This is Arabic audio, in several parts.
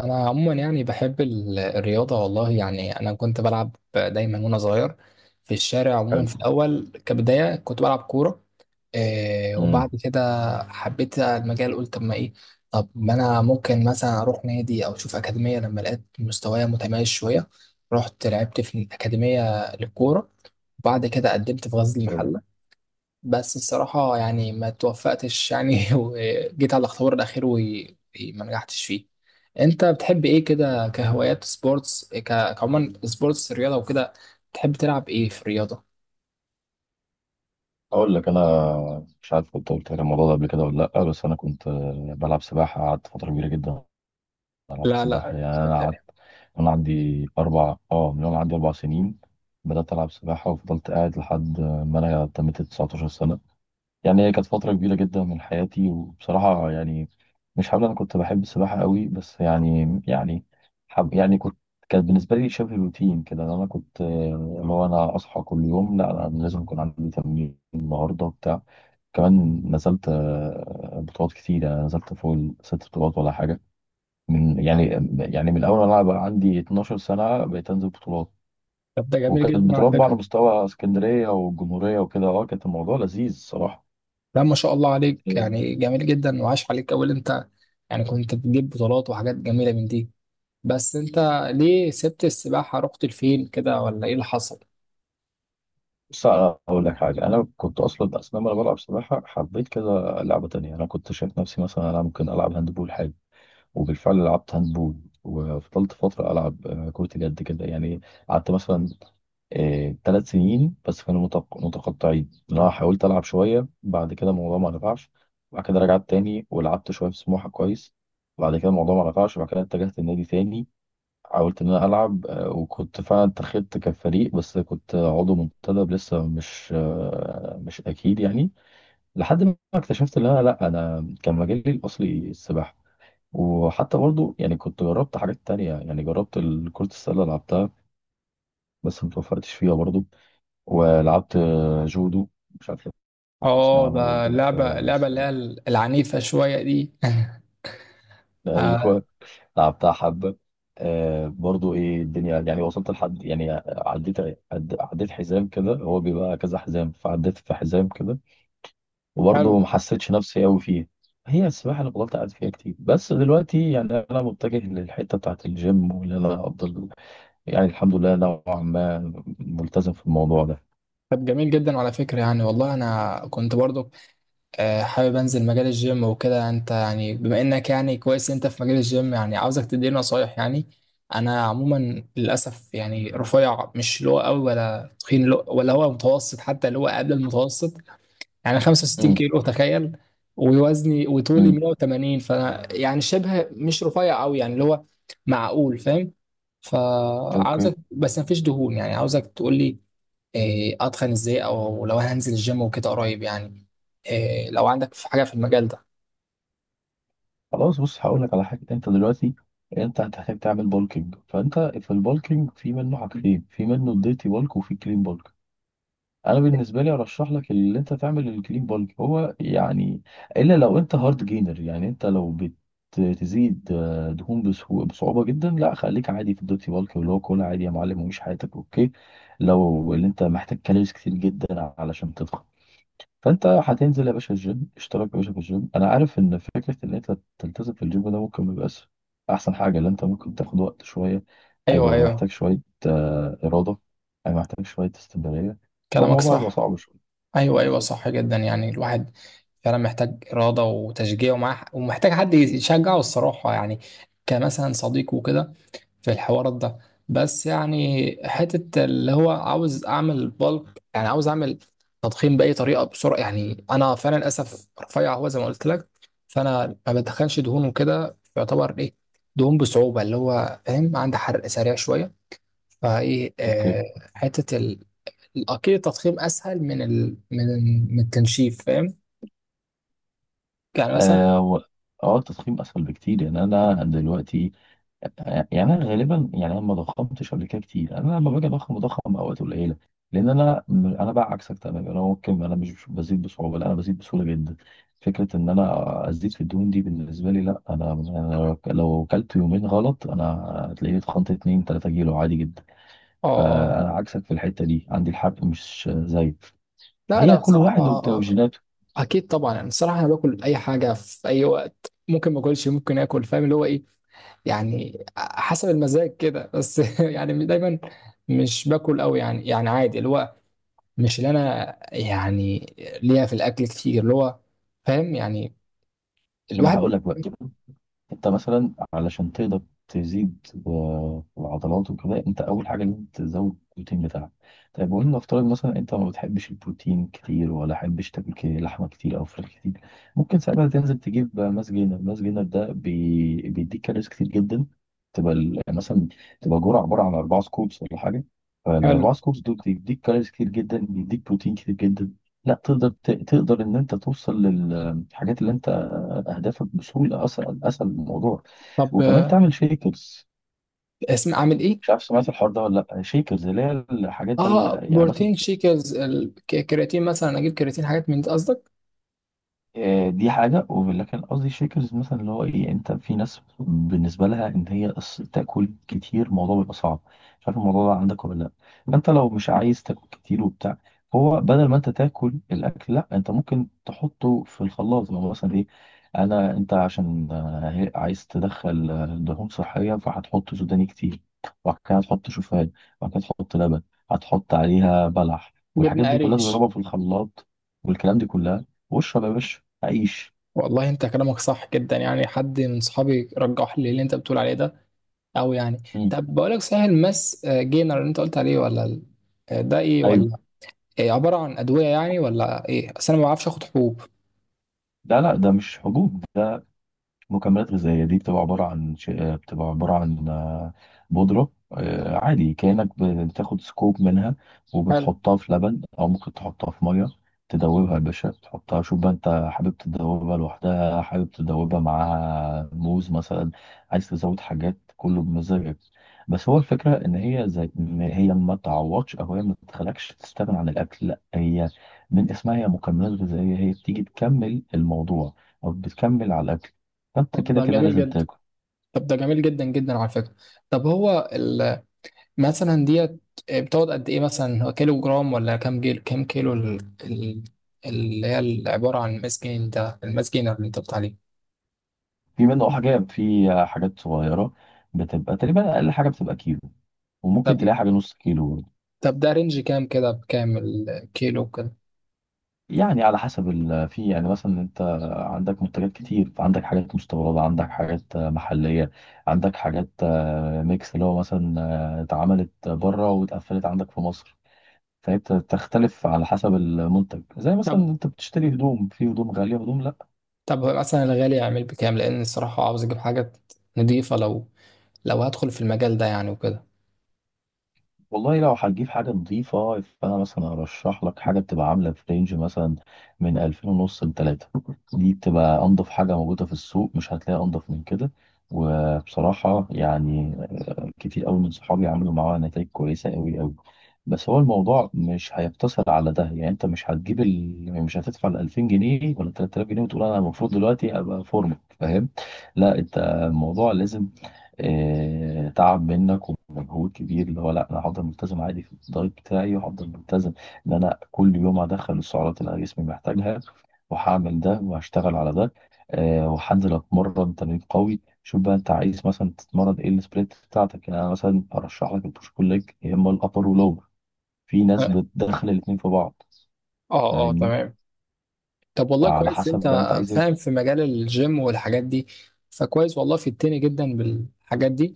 انا عموما يعني بحب الرياضه، والله يعني انا كنت بلعب دايما وانا صغير في الشارع. عموما حلو. في الاول كبدايه كنت بلعب كوره. وبعد امم كده حبيت المجال، قلت طب ما ايه. طب ما انا ممكن مثلا اروح نادي او اشوف اكاديميه، لما لقيت مستوايا متميز شويه رحت لعبت في الاكاديميه للكوره. وبعد كده قدمت في غزل حلو. المحله، بس الصراحة يعني ما توفقتش يعني وجيت على الاختبار الأخير وما نجحتش فيه. أنت بتحب إيه كده كهوايات سبورتس، كعموما سبورتس رياضة وكده، بتحب تلعب إيه في الرياضة؟ اقول لك انا، مش عارف كنت قلت لك الموضوع ده قبل كده ولا لا، بس انا كنت بلعب سباحه، قعدت فتره كبيره جدا بلعب لا لا، سباحه، مش يعني انا قعدت. بتهيألي. انا عندي اربع اه من يوم عندي 4 سنين بدات العب سباحه، وفضلت قاعد لحد ما انا تميت 19 سنه. يعني هي كانت فترة كبيرة جدا من حياتي، وبصراحة يعني مش هقول أنا كنت بحب السباحة قوي، بس يعني حب، يعني كنت، كانت بالنسبة لي شبه روتين كده، إن أنا كنت اللي هو أنا أصحى كل يوم، لا أنا لازم يكون عندي تمرين النهاردة بتاع. كمان نزلت بطولات كتير، يعني نزلت فوق الست بطولات ولا حاجة. من يعني يعني من أول ما أنا بقى عندي 12 سنة بقيت أنزل بطولات. طب ده جميل وكانت جدا على بطولات بقى على فكرة. مستوى اسكندرية والجمهورية وكده، كانت الموضوع لذيذ الصراحة. لا ما شاء الله عليك، يعني جميل جدا وعاش عليك أوي اللي أنت يعني كنت بتجيب بطولات وحاجات جميلة من دي. بس أنت ليه سبت السباحة رحت لفين كده ولا إيه اللي حصل؟ بص أنا أقول لك حاجة، أنا كنت أصلا لما أنا بلعب سباحة حبيت كذا لعبة تانية. أنا كنت شايف نفسي مثلا أنا ممكن ألعب هاندبول حاجة، وبالفعل لعبت هاندبول، وفضلت فترة ألعب كرة اليد كده. يعني قعدت مثلا 3 سنين، بس كانوا متقطعين، اللي هو حاولت ألعب شوية، بعد كده الموضوع ما نفعش، بعد كده رجعت تاني ولعبت شوية في سموحة كويس، بعد كده الموضوع ما نفعش، بعد كده اتجهت النادي تاني. حاولت ان انا العب وكنت فعلا اتخذت كفريق، بس كنت عضو منتدب لسه، مش اكيد يعني، لحد ما اكتشفت ان انا، لا انا كان مجالي الاصلي السباحه. وحتى برضو يعني كنت جربت حاجات تانية، يعني جربت كرة السلة، لعبتها بس متوفقتش فيها برضو. ولعبت جودو، مش عارف لو تسمع اه، عنه ده برضو، اللعبة بس اللي هي العنيفة شوية دي آه. ايوه، لعبتها حبة. برضو ايه الدنيا، يعني وصلت لحد، يعني عديت، عديت حزام كده، هو بيبقى كذا حزام، فعديت في حزام كده، وبرضو حلو. ما حسيتش نفسي قوي فيه. هي السباحة اللي فضلت قاعد فيها كتير، بس دلوقتي يعني انا متجه للحتة بتاعت الجيم، وان انا افضل يعني الحمد لله نوعا ما ملتزم في الموضوع ده. طب جميل جدا على فكرة، يعني والله أنا كنت برضو حابب أنزل مجال الجيم وكده. أنت يعني بما إنك يعني كويس أنت في مجال الجيم، يعني عاوزك تديني نصايح يعني. أنا عموما للأسف يعني رفيع، مش اللي هو قوي ولا تخين ولا هو متوسط، حتى اللي هو قبل المتوسط، يعني 65 امم كيلو تخيل. ووزني وطولي امم 180، فأنا يعني شبه مش رفيع قوي، يعني اللي هو معقول، فاهم. اوكي، فعاوزك بس مفيش دهون، يعني عاوزك تقول لي اتخن ازاي، او لو انا هنزل الجيم وكده قريب، يعني لو عندك في حاجه في المجال ده. خلاص. بص هقول لك على حاجة. انت دلوقتي انت هتحتاج تعمل بولكينج، فانت في البولكينج في منه حاجتين، في منه الديرتي بولك وفي كلين بولك. انا بالنسبه لي ارشح لك اللي انت تعمل الكلين بالك، هو يعني الا لو انت هارد جينر يعني، انت لو بتزيد دهون بصعوبه جدا، لا خليك عادي في الدوتي بالك، اللي هو كل عادي يا معلم ومش حياتك، اوكي. لو اللي انت محتاج كالوريز كتير جدا علشان تضخم، فانت هتنزل يا باشا الجيم، اشترك يا باشا في الجيم. انا عارف ان فكره ان انت تلتزم في الجيم ده ممكن ما يبقاش احسن حاجه، لان انت ممكن تاخد وقت شويه، ايوه هيبقى ايوه، محتاج شويه اراده، هيبقى محتاج شويه استمراريه، كلامك والموضوع هيبقى صح. صعب شويه. ايوه ايوه، صح بالظبط. جدا، يعني الواحد فعلا محتاج اراده وتشجيع ومعاه، ومحتاج حد يشجعه الصراحه، يعني كمثلا صديقه وكده، في الحوارات ده. بس يعني حتة اللي هو عاوز أعمل بالك، يعني عاوز أعمل تضخيم بأي طريقة بسرعة، يعني أنا فعلا للأسف رفيع هو زي ما قلت لك. فأنا ما بدخلش دهون وكده، يعتبر إيه دهون بصعوبة اللي هو فاهم، عندي حرق سريع شوية. فإيه اوكي. حتة ال... أكيد التضخيم أسهل من ال... من التنشيف فاهم، يعني مثلا اه و- اه، التضخيم اسهل بكتير. يعني انا دلوقتي، يعني انا غالبا، يعني انا ما ضخمتش قبل كده كتير، يعني انا لما باجي اضخم بضخم اوقات قليله. لان انا بقى عكسك تماما، انا ممكن، انا مش بزيد بصعوبه، لا انا بزيد بسهوله جدا. فكره ان انا ازيد في الدهون دي بالنسبه لي، لا انا لو كلت يومين غلط انا هتلاقيني اتخنت 2 3 كيلو عادي جدا. آه. آه. فانا عكسك في الحته دي، عندي الحرق مش زي. لا أنا فهي كل واحد وبتاع بصراحة وجيناته. اكيد طبعا، انا الصراحه انا باكل اي حاجه في اي وقت، ممكن ما اكلش ممكن اكل فاهم اللي هو ايه، يعني حسب المزاج كده بس يعني دايما مش باكل قوي يعني عادي اللي هو مش اللي انا يعني ليا في الاكل كتير، اللي هو فاهم يعني، ما انا الواحد. هقول لك بقى، انت مثلا علشان تقدر تزيد العضلات وكده، انت اول حاجه لازم تزود البروتين بتاعك. طيب وان نفترض مثلا انت ما بتحبش البروتين كتير، ولا حبش تاكل لحمه كتير او فراخ كتير، ممكن ساعتها تنزل تجيب ماس جينر. ماس جينر ده بيديك كالوريز كتير جدا، مثلا تبقى جرعه عباره عن 4 سكوبس ولا حاجه، حلو. فالاربع سكوبس دول بيديك كالوريز كتير جدا، بيديك بروتين كتير جدا. لا تقدر تقدر ان انت توصل للحاجات اللي انت، اهدافك بسهوله، اسهل اسهل الموضوع. طب وكمان تعمل شيكرز. اسم اعمل ايه. مش عارف سمعت الحوار ده ولا لا، شيكرز اللي هي الحاجات بقى، اه يعني مثلا بروتين شيكرز، الكرياتين مثلا اجيب كرياتين، حاجات من دي قصدك؟ دي حاجة، ولكن قصدي شيكرز مثلا، اللي هو ايه، انت في ناس بالنسبة لها ان هي تاكل كتير، الموضوع بيبقى صعب، مش عارف الموضوع ده عندك ولا لا. فانت لو مش عايز تاكل كتير وبتاع، هو بدل ما انت تاكل الاكل، لا انت ممكن تحطه في الخلاط. لو مثلا ايه، انت عشان عايز تدخل دهون صحية، فهتحط سوداني كتير، وبعد كده هتحط شوفان، وبعد كده تحط لبن، هتحط عليها بلح، والحاجات جبنه دي كلها قريش. تضربها في الخلاط، والكلام دي كلها، واشرب يا باشا عيش. والله انت كلامك صح جدا، يعني حد من صحابي رجح لي اللي انت بتقول عليه ده، او يعني مم. طب بقول لك، صحيح الماس جينر اللي انت قلت عليه، ولا ده ايه ايوه. ولا إيه، عباره عن ادويه يعني ولا ايه؟ اصل انا ما بعرفش اخد حبوب. لا، لا، ده مش حبوب، مكملات غذائية، دي بتبقى عبارة عن بتبقى عبارة عن بودرة، عادي كأنك بتاخد سكوب منها حلو. وبتحطها في لبن، أو ممكن تحطها في مية، تدوبها يا باشا، تحطها، شوف بقى أنت حابب تدوبها لوحدها، حابب تدوبها معاها موز مثلا، عايز تزود حاجات، كله بمزاجك. بس هو الفكرة إن هي زي إن هي ما تعوضش، أو هي ما تخلكش تستغنى عن الأكل، لأ، هي من اسمها هي مكملات غذائية، هي بتيجي تكمل الموضوع أو بتكمل على الأكل، فانت طب كده ده كده جميل لازم جدا. تاكل. طب ده جميل جدا جدا على فكره. طب هو مثلا ديت بتقعد قد ايه، مثلا هو كيلو جرام ولا كام كيلو ال- اللي هي عباره عن الماس جين ده، الماس جينر اللي انت قلت عليه. في منه حاجه، في حاجات صغيره، بتبقى تقريبا اقل حاجه بتبقى كيلو، وممكن طب تلاقي حاجه نص كيلو برضه. طب ده رينج كام كده، بكام الكيلو كده. يعني على حسب في، يعني مثلا انت عندك منتجات كتير، عندك حاجات مستورده، عندك حاجات محليه، عندك حاجات ميكس، اللي هو مثلا اتعملت بره واتقفلت عندك في مصر. فهي بتختلف على حسب المنتج، زي مثلا طب انت بتشتري هدوم، في هدوم غاليه وهدوم. طب هو مثلا الغالي يعمل بكام، لان الصراحه عاوز اجيب حاجه نضيفه، لو هدخل في المجال ده يعني وكده. والله لو هتجيب حاجة نظيفة، فأنا مثلا أرشح لك حاجة بتبقى عاملة في رينج مثلا من 2500 لتلاتة. دي بتبقى أنضف حاجة موجودة في السوق، مش هتلاقي أنضف من كده. وبصراحة يعني كتير قوي من صحابي عملوا معاه نتائج كويسة قوي قوي. بس هو الموضوع مش هيقتصر على ده، يعني انت مش هتجيب مش هتدفع ال 2000 جنيه ولا 3000 جنيه وتقول انا المفروض دلوقتي ابقى فورمه، فاهم؟ لا انت الموضوع لازم تعب منك ومجهود كبير، اللي هو لا انا هفضل ملتزم عادي في الدايت بتاعي، وهفضل ملتزم ان انا كل يوم هدخل السعرات اللي انا جسمي محتاجها، وهعمل ده وهشتغل على ده، وهنزل اتمرن تمرين قوي. شوف بقى انت عايز مثلا تتمرن ايه، السبليت بتاعتك. يعني انا مثلا ارشح لك البوش بول ليج، يا اما الابر ولور، في ناس اه بتدخل الاتنين في بعض، اه، فاهمني؟ تمام. طب والله فعلى كويس حسب انت بقى انت عايز فاهم ايه. في مجال الجيم والحاجات دي، فكويس والله في التاني جدا بالحاجات دي.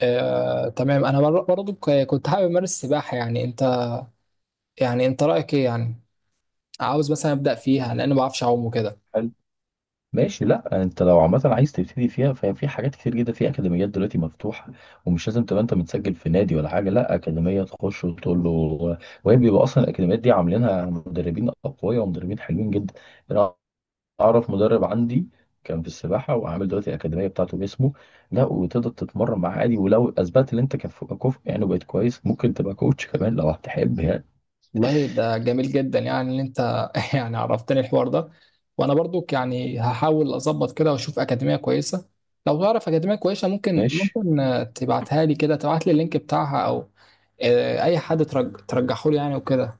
آه تمام. انا برضو كنت حابب امارس السباحه يعني، انت رايك ايه يعني، عاوز مثلا ابدا فيها لان ما بعرفش اعوم وكده. حلو. ماشي. لا انت لو عامه عايز تبتدي فيها، ففي حاجات كتير جدا، في اكاديميات دلوقتي مفتوحه، ومش لازم تبقى انت متسجل في نادي ولا حاجه، لا اكاديميه تخش وتقول له، وهي بيبقى اصلا الاكاديميات دي عاملينها مدربين اقوياء ومدربين حلوين جدا. اعرف مدرب عندي كان في السباحه، وعامل دلوقتي الاكاديميه بتاعته باسمه، لا، وتقدر تتمرن معاه عادي، ولو اثبتت ان انت كفء يعني وبقيت كويس، ممكن تبقى كوتش كمان لو هتحب يعني. والله ده جميل جدا يعني ان انت يعني عرفتني الحوار ده، وانا برضك يعني هحاول اظبط كده واشوف اكاديميه كويسه. لو تعرف اكاديميه كويسه، ممكن ماشي، ممكن تبعتها لي كده، تبعت لي اللينك بتاعها، او اي حد ترجحه لي يعني وكده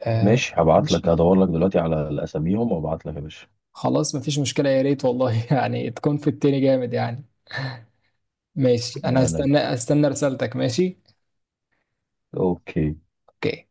آه، ماشي، هبعت لك، ماشي. هدور لك دلوقتي على الاساميهم وابعت لك يا باشا. خلاص مفيش مشكله، يا ريت والله يعني تكون في التاني جامد يعني. ماشي، من انا عليا. استنى رسالتك، ماشي. اوكي. اوكي.